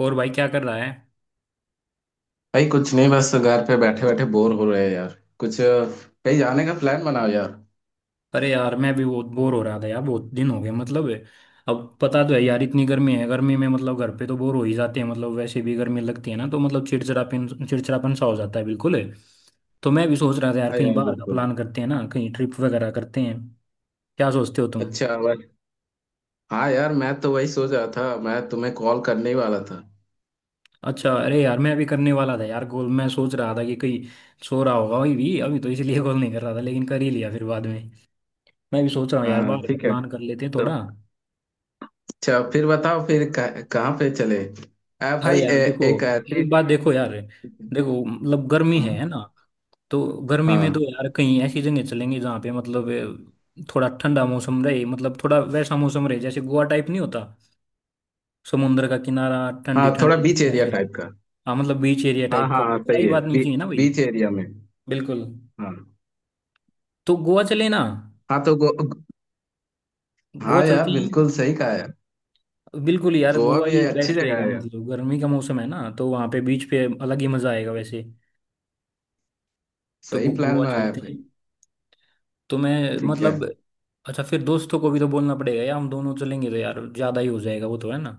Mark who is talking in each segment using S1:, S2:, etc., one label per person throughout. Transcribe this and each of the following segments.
S1: और भाई क्या कर रहा है?
S2: भाई, कुछ नहीं। बस घर पे बैठे बैठे बोर हो रहे हैं यार। कुछ कहीं जाने का प्लान बनाओ यार।
S1: अरे यार मैं भी बहुत बोर हो रहा था यार, बहुत दिन हो गए मतलब। अब पता तो है यार, इतनी गर्मी है। गर्मी में मतलब घर पे तो बोर हो ही जाते हैं। मतलब वैसे भी गर्मी लगती है ना, तो मतलब चिड़चिड़ापन चिड़चिड़ापन सा हो जाता है बिल्कुल। तो मैं भी सोच रहा था यार,
S2: हाँ
S1: कहीं
S2: यार,
S1: बाहर का
S2: बिल्कुल।
S1: प्लान करते हैं ना, कहीं ट्रिप वगैरह करते हैं। क्या सोचते हो तुम?
S2: अच्छा, बस। हाँ यार, मैं तो वही सोच रहा था, मैं तुम्हें कॉल करने ही वाला था।
S1: अच्छा, अरे यार मैं अभी करने वाला था यार गोल। मैं सोच रहा था कि कहीं सो रहा होगा वही भी अभी, तो इसलिए गोल नहीं कर रहा था, लेकिन कर ही लिया फिर बाद में। मैं भी सोच रहा हूँ यार,
S2: हाँ,
S1: बाहर का
S2: ठीक है।
S1: प्लान कर लेते हैं
S2: तो
S1: थोड़ा।
S2: अच्छा, फिर बताओ, फिर कहाँ पे चले?
S1: अरे
S2: भाई,
S1: यार देखो,
S2: एक ऐसी।
S1: एक बात देखो यार। देखो मतलब गर्मी
S2: हाँ,
S1: है ना। तो गर्मी
S2: हाँ,
S1: में तो यार कहीं ऐसी जगह चलेंगे जहाँ पे मतलब थोड़ा ठंडा मौसम रहे। मतलब थोड़ा वैसा मौसम रहे, जैसे गोवा टाइप नहीं होता? समुद्र का किनारा, ठंडी
S2: हाँ, थोड़ा
S1: ठंडी,
S2: बीच एरिया
S1: ऐसे।
S2: टाइप का।
S1: हाँ मतलब बीच एरिया
S2: हाँ,
S1: टाइप का,
S2: हाँ, हाँ,
S1: वैसा ही
S2: सही है।
S1: बात नहीं चाहिए ना भाई।
S2: बीच एरिया में।
S1: बिल्कुल।
S2: हाँ।
S1: तो गोवा चले ना?
S2: हाँ,
S1: गोवा
S2: हाँ यार,
S1: चलते हैं।
S2: बिल्कुल सही कहा यार।
S1: बिल्कुल यार,
S2: गोवा
S1: गोवा
S2: भी है,
S1: ही
S2: अच्छी
S1: बेस्ट
S2: जगह
S1: रहेगा।
S2: है यार।
S1: मतलब गर्मी का मौसम है ना, तो वहाँ पे बीच पे अलग ही मजा आएगा वैसे। तो
S2: सही प्लान
S1: गोवा
S2: बनाया
S1: चलते
S2: भाई।
S1: हैं। तो मैं
S2: ठीक है।
S1: मतलब, अच्छा फिर दोस्तों को भी तो बोलना पड़ेगा यार। हम दोनों चलेंगे तो यार ज्यादा ही हो जाएगा, वो तो है ना।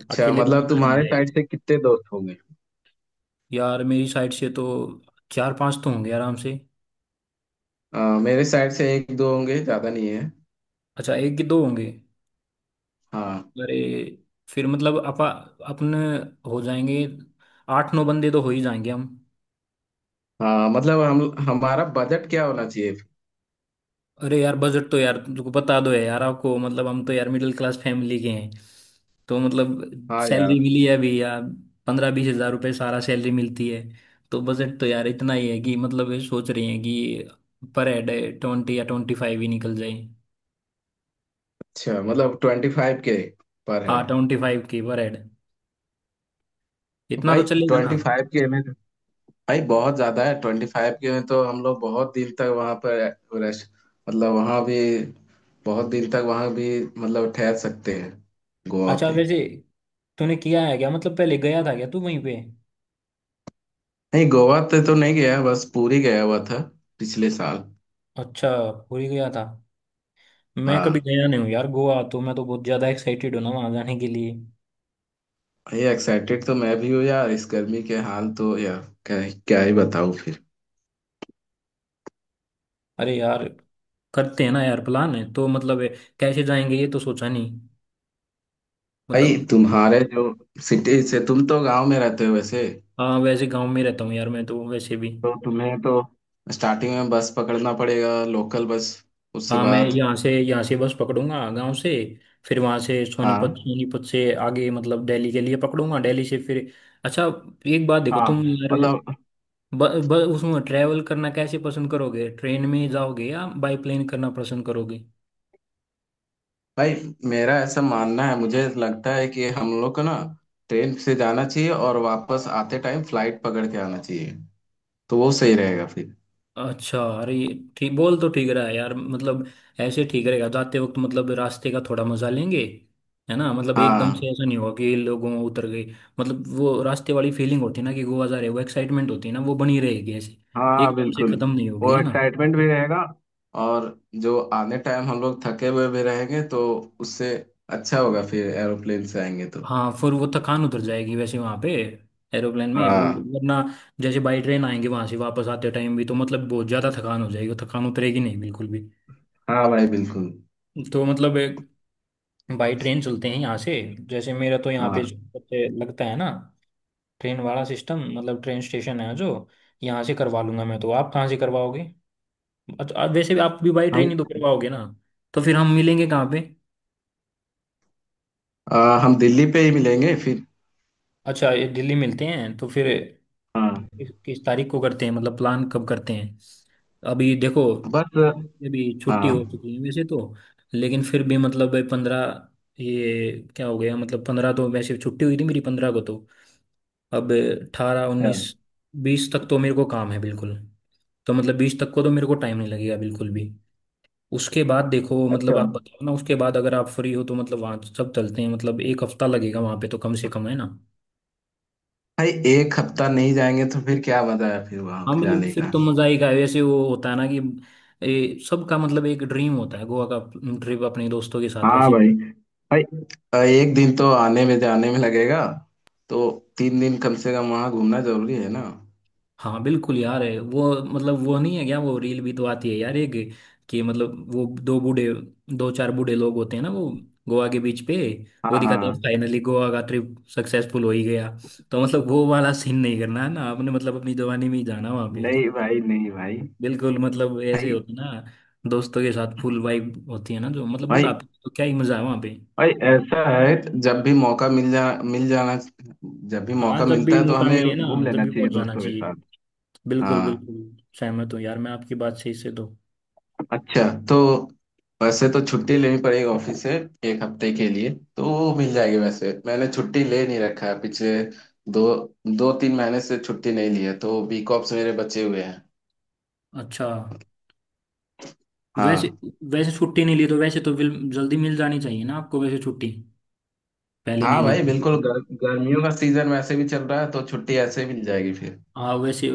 S2: अच्छा,
S1: अकेले तो
S2: मतलब
S1: मजा नहीं
S2: तुम्हारे
S1: आएगा।
S2: साइड से कितने दोस्त होंगे?
S1: यार मेरी साइड से तो चार पांच तो होंगे आराम से।
S2: मेरे साइड से एक दो होंगे, ज्यादा नहीं है।
S1: अच्छा, एक कि दो होंगे?
S2: हाँ।
S1: अरे फिर मतलब अपा अपन हो जाएंगे। आठ नौ बंदे तो हो ही जाएंगे हम।
S2: हाँ, मतलब हम हमारा बजट क्या होना चाहिए?
S1: अरे यार बजट तो यार तुमको बता दो है यार आपको। मतलब हम तो यार मिडिल क्लास फैमिली के हैं। तो मतलब
S2: हाँ यार।
S1: सैलरी मिली है अभी यार, 15-20 हजार रुपये सारा सैलरी मिलती है। तो बजट तो यार इतना ही है कि मतलब ये सोच रही हैं कि पर हेड 20 या 25 ही निकल जाए।
S2: अच्छा, मतलब 25K पर
S1: हाँ,
S2: हेड।
S1: 25 की पर हेड, इतना तो
S2: भाई,
S1: चलेगा ना।
S2: 25K में, भाई बहुत ज्यादा है। 25K में तो हम लोग बहुत दिन तक वहां पर रेस्ट, मतलब वहां भी, बहुत दिन तक वहां भी मतलब ठहर सकते हैं गोवा
S1: अच्छा,
S2: पे।
S1: वैसे तूने किया है क्या? मतलब पहले गया था क्या तू वहीं पे?
S2: नहीं, गोवा पे तो नहीं गया, बस पुरी गया हुआ था पिछले साल।
S1: अच्छा, पूरी गया था। मैं कभी
S2: हाँ
S1: गया नहीं हूँ यार गोवा तो। मैं तो बहुत ज़्यादा एक्साइटेड हूँ ना वहाँ जाने के लिए।
S2: भाई, एक्साइटेड तो मैं भी हूँ यार। इस गर्मी के हाल तो यार क्या, क्या ही बताऊँ फिर।
S1: अरे यार करते हैं ना यार, प्लान है तो मतलब। कैसे जाएंगे ये तो सोचा नहीं
S2: भाई,
S1: मतलब।
S2: तुम्हारे जो सिटी से, तुम तो गांव में रहते हो वैसे।
S1: हाँ वैसे गांव में रहता हूँ यार, मैं तो वैसे भी।
S2: तो तुम्हें तो स्टार्टिंग में बस पकड़ना पड़ेगा, लोकल बस, उसके
S1: हाँ, मैं
S2: बाद।
S1: यहाँ से बस पकड़ूंगा गांव से। फिर वहाँ से
S2: हाँ,
S1: सोनीपत सोनीपत से आगे मतलब दिल्ली के लिए पकड़ूंगा, दिल्ली से फिर। अच्छा, एक बात देखो
S2: हाँ,
S1: तुम यार,
S2: मतलब।
S1: ब, ब, उसमें ट्रैवल करना कैसे पसंद करोगे? ट्रेन में जाओगे या बाई प्लेन करना पसंद करोगे?
S2: भाई, मेरा ऐसा मानना है, मुझे लगता है कि हम लोग को ना ट्रेन से जाना चाहिए और वापस आते टाइम फ्लाइट पकड़ के आना चाहिए, तो वो सही रहेगा फिर।
S1: अच्छा, अरे ये ठीक बोल तो ठीक रहा है यार मतलब। ऐसे ठीक रहेगा, जाते वक्त मतलब रास्ते का थोड़ा मजा लेंगे है ना। मतलब एकदम
S2: हाँ,
S1: से ऐसा नहीं होगा कि लोगों उतर गए। मतलब वो रास्ते वाली फीलिंग होती है ना कि गोवा जा रहे हो, एक्साइटमेंट होती है ना, वो बनी रहेगी ऐसे।
S2: हाँ,
S1: एकदम से
S2: बिल्कुल।
S1: खत्म नहीं होगी
S2: वो
S1: है ना।
S2: एक्साइटमेंट भी रहेगा, और जो आने टाइम हम लोग थके हुए भी रहेंगे, तो उससे अच्छा होगा फिर एरोप्लेन से आएंगे तो।
S1: हाँ फिर वो थकान उतर जाएगी वैसे वहां पे एरोप्लेन में वो।
S2: हाँ,
S1: वरना जैसे बाई ट्रेन आएंगे, वहां से वापस आते टाइम भी तो मतलब बहुत ज्यादा थकान हो जाएगी, वो थकान उतरेगी नहीं बिल्कुल भी।
S2: हाँ भाई, बिल्कुल।
S1: तो मतलब बाई ट्रेन चलते हैं यहाँ से। जैसे मेरा तो यहाँ पे जो
S2: हाँ
S1: सबसे लगता है ना, ट्रेन वाला सिस्टम मतलब ट्रेन स्टेशन है जो, यहाँ से करवा लूंगा मैं। तो आप कहाँ से करवाओगे? अच्छा, वैसे भी आप भी बाई ट्रेन
S2: भाई।
S1: ही तो करवाओगे ना। तो फिर हम मिलेंगे कहाँ पे?
S2: हम दिल्ली पे ही मिलेंगे फिर।
S1: अच्छा, ये दिल्ली मिलते हैं तो फिर।
S2: हाँ।
S1: किस किस तारीख को करते हैं? मतलब प्लान कब करते हैं? अभी देखो,
S2: बस।
S1: अभी
S2: हाँ।
S1: छुट्टी हो चुकी है वैसे तो। लेकिन फिर भी मतलब 15, ये क्या हो गया, मतलब 15 तो वैसे छुट्टी हुई थी मेरी, 15 को तो। अब 18
S2: अच्छा।
S1: 19 20 तक तो मेरे को काम है बिल्कुल। तो मतलब 20 तक को तो मेरे को टाइम नहीं लगेगा बिल्कुल भी। उसके बाद देखो मतलब
S2: अच्छा।
S1: आप बताओ ना, उसके बाद अगर आप फ्री हो तो मतलब वहाँ तो सब चलते हैं। मतलब एक हफ्ता लगेगा वहाँ पे तो कम से कम है ना।
S2: भाई, एक हफ्ता नहीं जाएंगे तो फिर क्या मजा है फिर वहां
S1: हाँ मतलब
S2: जाने
S1: फिर
S2: का?
S1: तो मज़ा ही का वैसे वो होता है ना कि, ये सबका मतलब एक ड्रीम होता है गोवा का ट्रिप अपने दोस्तों के साथ
S2: हाँ
S1: वैसे।
S2: भाई। भाई, एक दिन तो आने में जाने में लगेगा, तो 3 दिन कम से कम वहां घूमना जरूरी है ना।
S1: हाँ बिल्कुल यार, है वो मतलब वो नहीं है क्या, वो रील भी तो आती है यार, एक कि मतलब वो दो बूढ़े, दो चार बूढ़े लोग होते हैं ना वो, गोवा के बीच पे।
S2: हाँ,
S1: वो दिखाते हैं
S2: हाँ।
S1: फाइनली गोवा का ट्रिप सक्सेसफुल हो ही गया। तो मतलब वो वाला सीन नहीं करना है ना आपने, मतलब अपनी जवानी में ही जाना वहाँ पे।
S2: नहीं भाई, नहीं भाई।
S1: बिल्कुल, मतलब ऐसे
S2: भाई,
S1: होता है ना, दोस्तों के साथ फुल वाइब होती है ना जो, मतलब
S2: भाई,
S1: बुढ़ापे में तो क्या ही मजा है वहाँ पे।
S2: भाई, ऐसा है, जब भी मौका मिल जाना। जब भी
S1: हाँ,
S2: मौका
S1: जब
S2: मिलता
S1: भी
S2: है तो
S1: मौका मिले
S2: हमें
S1: ना,
S2: घूम
S1: तब
S2: लेना
S1: भी
S2: चाहिए
S1: पहुंच जाना
S2: दोस्तों के
S1: चाहिए।
S2: साथ।
S1: बिल्कुल
S2: हाँ।
S1: बिल्कुल। सहमत हूँ यार, मैं आपकी बात सही से इससे तो।
S2: अच्छा। तो वैसे तो छुट्टी लेनी पड़ेगी ऑफिस से, एक हफ्ते के लिए। तो वो मिल जाएगी वैसे, मैंने छुट्टी ले नहीं रखा है। पिछले दो 2-3 महीने से छुट्टी नहीं ली है, तो बी कॉप्स मेरे बचे हुए हैं।
S1: अच्छा, वैसे
S2: हाँ।
S1: वैसे छुट्टी नहीं ली तो वैसे तो जल्दी मिल जानी चाहिए ना आपको वैसे छुट्टी, पहले नहीं
S2: हाँ भाई, बिल्कुल।
S1: ली।
S2: गर्मियों का सीजन वैसे भी चल रहा है, तो छुट्टी ऐसे ही मिल जाएगी फिर।
S1: हाँ वैसे,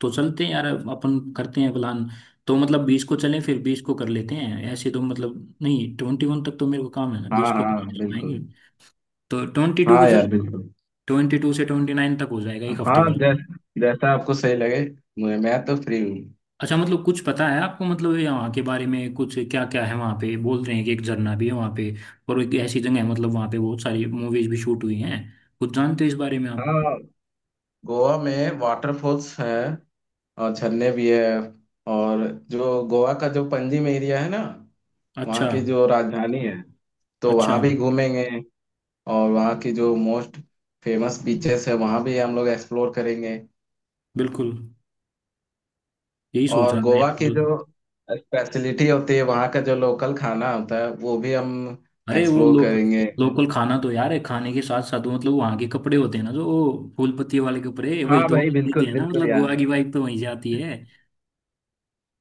S1: तो चलते हैं यार अपन, करते हैं प्लान। तो मतलब बीस को चलें, फिर 20 को कर लेते हैं ऐसे, तो मतलब नहीं, 21 तक तो मेरे को काम है ना, 20
S2: हाँ,
S1: को तो
S2: हाँ,
S1: नहीं चल
S2: बिल्कुल।
S1: पाएंगे। तो 22 को
S2: हाँ यार,
S1: चलें।
S2: बिल्कुल।
S1: 22 से 29 तक हो जाएगा एक हफ्ते
S2: हाँ,
S1: वाला।
S2: जैसा आपको सही लगे। मैं तो फ्री हूँ।
S1: अच्छा, मतलब कुछ पता है आपको? मतलब यहाँ के बारे में कुछ, क्या क्या है वहाँ पे, बोल रहे हैं कि एक झरना भी है वहाँ पे, और एक ऐसी जगह है मतलब वहाँ पे बहुत सारी मूवीज भी शूट हुई हैं। कुछ जानते हो इस बारे में आप?
S2: हाँ। गोवा में वाटरफॉल्स है और झरने भी है। और जो गोवा का जो पंजिम एरिया है ना, वहाँ
S1: अच्छा,
S2: की जो राजधानी है, तो
S1: अच्छा,
S2: वहाँ भी घूमेंगे। और वहाँ की जो मोस्ट फेमस बीचेस है, वहाँ भी हम लोग एक्सप्लोर करेंगे।
S1: बिल्कुल। यही सोच
S2: और
S1: रहा था
S2: गोवा
S1: यार
S2: की
S1: दो।
S2: जो स्पेशलिटी होती है, वहाँ का जो लोकल खाना होता है, वो भी हम
S1: अरे वो
S2: एक्सप्लोर करेंगे।
S1: लोकल खाना तो यार है, खाने के साथ साथ वो मतलब वहाँ के कपड़े होते हैं ना जो, वो फूल पत्ती वाले कपड़े वही
S2: हाँ
S1: तो
S2: भाई,
S1: देते
S2: बिल्कुल,
S1: हैं ना,
S2: बिल्कुल
S1: मतलब
S2: यार।
S1: गोवा की वाइफ तो वहीं जाती है।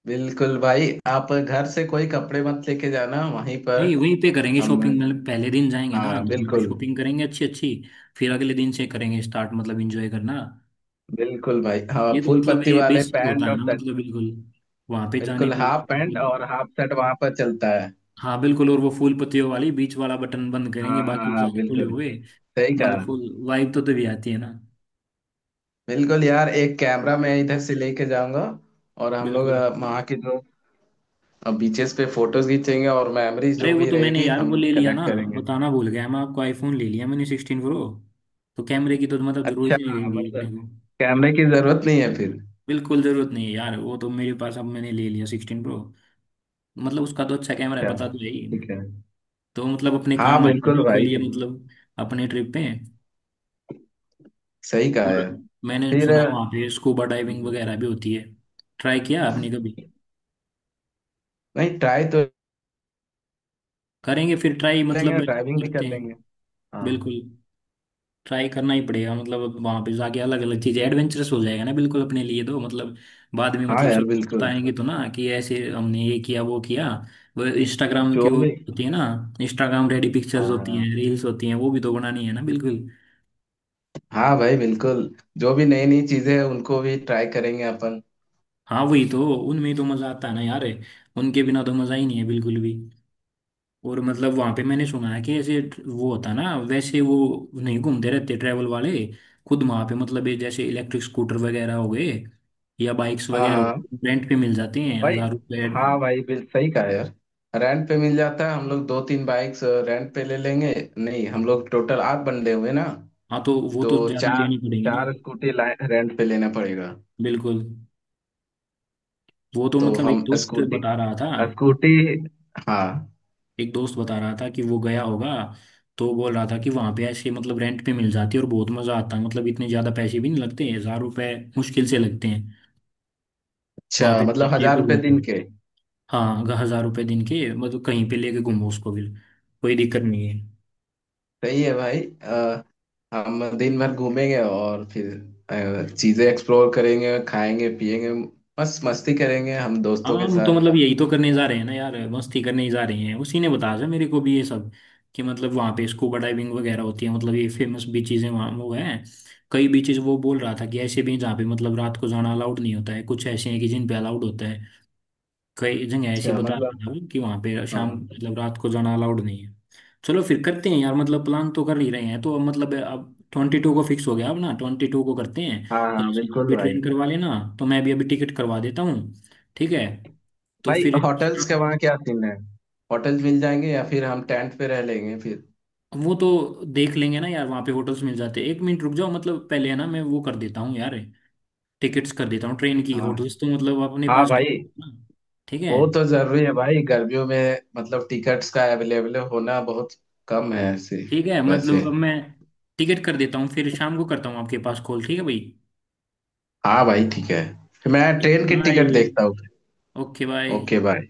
S2: बिल्कुल भाई, आप घर से कोई कपड़े मत लेके जाना, वहीं पर।
S1: नहीं, वहीं पे करेंगे
S2: हम
S1: शॉपिंग। मतलब पहले दिन जाएंगे ना
S2: हाँ,
S1: तो वहाँ पे
S2: बिल्कुल।
S1: शॉपिंग करेंगे अच्छी अच्छी। फिर अगले दिन से करेंगे स्टार्ट मतलब एंजॉय करना।
S2: बिल्कुल भाई,
S1: ये
S2: हाँ,
S1: तो
S2: फूल
S1: मतलब
S2: पत्ती
S1: ये
S2: वाले
S1: बेसिक होता
S2: पैंट
S1: है
S2: और
S1: ना
S2: शर्ट।
S1: मतलब बिल्कुल, वहाँ पे जाने
S2: बिल्कुल,
S1: के
S2: हाफ
S1: बाद
S2: पैंट
S1: मतलब।
S2: और हाफ शर्ट वहां पर चलता है।
S1: हाँ बिल्कुल, और वो फूल पत्तियों वाली बीच वाला बटन बंद करेंगे,
S2: हाँ, हाँ,
S1: बाकी
S2: हाँ,
S1: सारे खुले
S2: बिल्कुल।
S1: हुए।
S2: सही
S1: मतलब
S2: कहा।
S1: फुल वाइब तो तभी आती है ना।
S2: बिल्कुल यार, एक कैमरा मैं इधर से लेके जाऊंगा। और हम लोग
S1: बिल्कुल।
S2: वहाँ की जो बीचेस पे फोटोज खींचेंगे और मेमोरीज
S1: अरे
S2: जो
S1: वो
S2: भी
S1: तो मैंने
S2: रहेगी
S1: यार
S2: हम
S1: वो ले लिया
S2: कलेक्ट
S1: ना,
S2: करेंगे।
S1: बताना भूल गया मैं आपको। आईफोन ले लिया मैंने 16 प्रो। तो कैमरे की तो मतलब जरूरत
S2: अच्छा,
S1: ही नहीं रहेगी
S2: मतलब
S1: अपने को।
S2: कैमरे की जरूरत नहीं है फिर।
S1: बिल्कुल जरूरत नहीं है यार, वो तो मेरे पास अब, मैंने ले लिया 16 प्रो। मतलब उसका तो अच्छा कैमरा है
S2: अच्छा,
S1: पता तो है ही।
S2: ठीक है।
S1: तो मतलब अपने
S2: हाँ,
S1: काम आएगा
S2: बिल्कुल भाई।
S1: बिल्कुल ये, मतलब अपने ट्रिप पे।
S2: सही कहा
S1: और
S2: है।
S1: मैंने
S2: फिर
S1: सुना वहाँ पे स्कूबा डाइविंग
S2: हम्म,
S1: वगैरह भी होती है। ट्राई किया आपने कभी?
S2: नहीं, ट्राई तो
S1: करेंगे फिर ट्राई,
S2: लेंगे,
S1: मतलब
S2: ड्राइविंग भी कर
S1: करते हैं।
S2: लेंगे। हाँ।
S1: बिल्कुल, ट्राई करना ही पड़ेगा मतलब। वहां पे जाके अलग अलग चीजें, एडवेंचरस हो जाएगा ना बिल्कुल अपने लिए तो मतलब। बाद में
S2: हाँ
S1: मतलब
S2: यार,
S1: सबको
S2: बिल्कुल।
S1: बताएंगे तो ना कि ऐसे हमने ये किया वो किया। वो इंस्टाग्राम की
S2: जो
S1: वो
S2: भी।
S1: होती है ना, इंस्टाग्राम रेडी पिक्चर्स होती हैं,
S2: हाँ,
S1: रील्स होती हैं, वो भी तो बनानी है ना बिल्कुल।
S2: हाँ भाई, बिल्कुल। जो भी नई नई चीजें हैं उनको भी ट्राई करेंगे अपन।
S1: हाँ वही तो, उनमें ही तो मजा आता है ना यार। उनके बिना तो मजा ही नहीं है बिल्कुल भी। और मतलब वहां पे मैंने सुना है कि ऐसे वो होता है ना वैसे वो, नहीं घूमते रहते ट्रैवल वाले खुद वहां पे, मतलब ये जैसे इलेक्ट्रिक स्कूटर वगैरह हो गए या बाइक्स
S2: हाँ,
S1: वगैरह हो
S2: हाँ
S1: गई, रेंट पे मिल जाते हैं
S2: भाई।
S1: 1000 रुपये।
S2: हाँ भाई, बिल सही कहा यार। रेंट पे मिल जाता है, हम लोग दो तीन बाइक्स रेंट पे ले लेंगे। नहीं, हम लोग टोटल आठ बंदे हुए ना,
S1: हाँ तो वो
S2: तो
S1: तो ज्यादा
S2: चार
S1: लेनी पड़ेगी ना।
S2: चार स्कूटी रेंट पे लेना पड़ेगा।
S1: बिल्कुल। वो तो
S2: तो
S1: मतलब, एक
S2: हम
S1: दोस्त
S2: स्कूटी,
S1: बता रहा था।
S2: स्कूटी। हाँ।
S1: एक दोस्त बता रहा था कि वो गया होगा, तो बोल रहा था कि वहां पे ऐसे मतलब रेंट पे मिल जाती है और बहुत मजा आता है। मतलब इतने ज्यादा पैसे भी नहीं लगते, 1000 रुपए मुश्किल से लगते हैं वहां
S2: अच्छा,
S1: पे।
S2: मतलब 1000 रुपए दिन के?
S1: हाँ, अगर 1000 रुपए दिन के मतलब कहीं पे लेके घूमो उसको भी कोई दिक्कत नहीं है।
S2: सही है भाई। हम दिन भर घूमेंगे और फिर चीजें एक्सप्लोर करेंगे, खाएंगे पिएंगे, मस्त मस्ती करेंगे हम
S1: हाँ,
S2: दोस्तों के
S1: हम तो
S2: साथ।
S1: मतलब यही तो करने जा रहे हैं ना यार, मस्ती करने ही जा रहे हैं। उसी ने बताया था मेरे को भी ये सब, कि मतलब वहाँ पे स्कूबा डाइविंग वगैरह होती है, मतलब ये फेमस बीचेज हैं वहाँ वो हैं। कई बीचेज वो बोल रहा था कि ऐसे भी हैं जहाँ पे मतलब रात को जाना अलाउड नहीं होता है, कुछ ऐसे हैं कि जिन पे अलाउड होता है। कई जगह ऐसी
S2: अच्छा,
S1: बता रहा
S2: मतलब।
S1: था वो कि वहाँ पे शाम,
S2: हाँ,
S1: मतलब रात को जाना अलाउड नहीं है। चलो फिर करते हैं यार, मतलब प्लान तो कर ही रहे हैं तो अब, मतलब अब 22 को फिक्स हो गया। अब ना, 22 को करते हैं
S2: हाँ,
S1: या
S2: हाँ, बिल्कुल
S1: अभी
S2: भाई।
S1: ट्रेन करवा लेना। तो मैं भी अभी टिकट करवा देता हूँ। ठीक है तो
S2: भाई,
S1: फिर।
S2: होटल्स का वहाँ क्या सीन है? होटल्स मिल जाएंगे या फिर हम टेंट पे रह लेंगे फिर?
S1: वो तो देख लेंगे ना यार, वहाँ पे होटल्स मिल जाते हैं। एक मिनट रुक जाओ, मतलब पहले है ना, मैं वो कर देता हूँ यार, टिकट्स कर देता हूँ ट्रेन की।
S2: हाँ,
S1: होटल्स तो मतलब अपने
S2: हाँ
S1: पास
S2: भाई।
S1: टाइम है ना। ठीक है।
S2: वो तो जरूरी है भाई, गर्मियों में मतलब टिकट्स का अवेलेबल होना बहुत कम है ऐसे।
S1: ठीक है,
S2: वैसे।
S1: मतलब अब मैं टिकट कर देता हूँ, फिर शाम को करता हूँ आपके पास कॉल। ठीक है भाई।
S2: हाँ भाई, ठीक है, मैं ट्रेन की
S1: बाय।
S2: टिकट देखता हूँ।
S1: Okay bye.
S2: Okay, bye.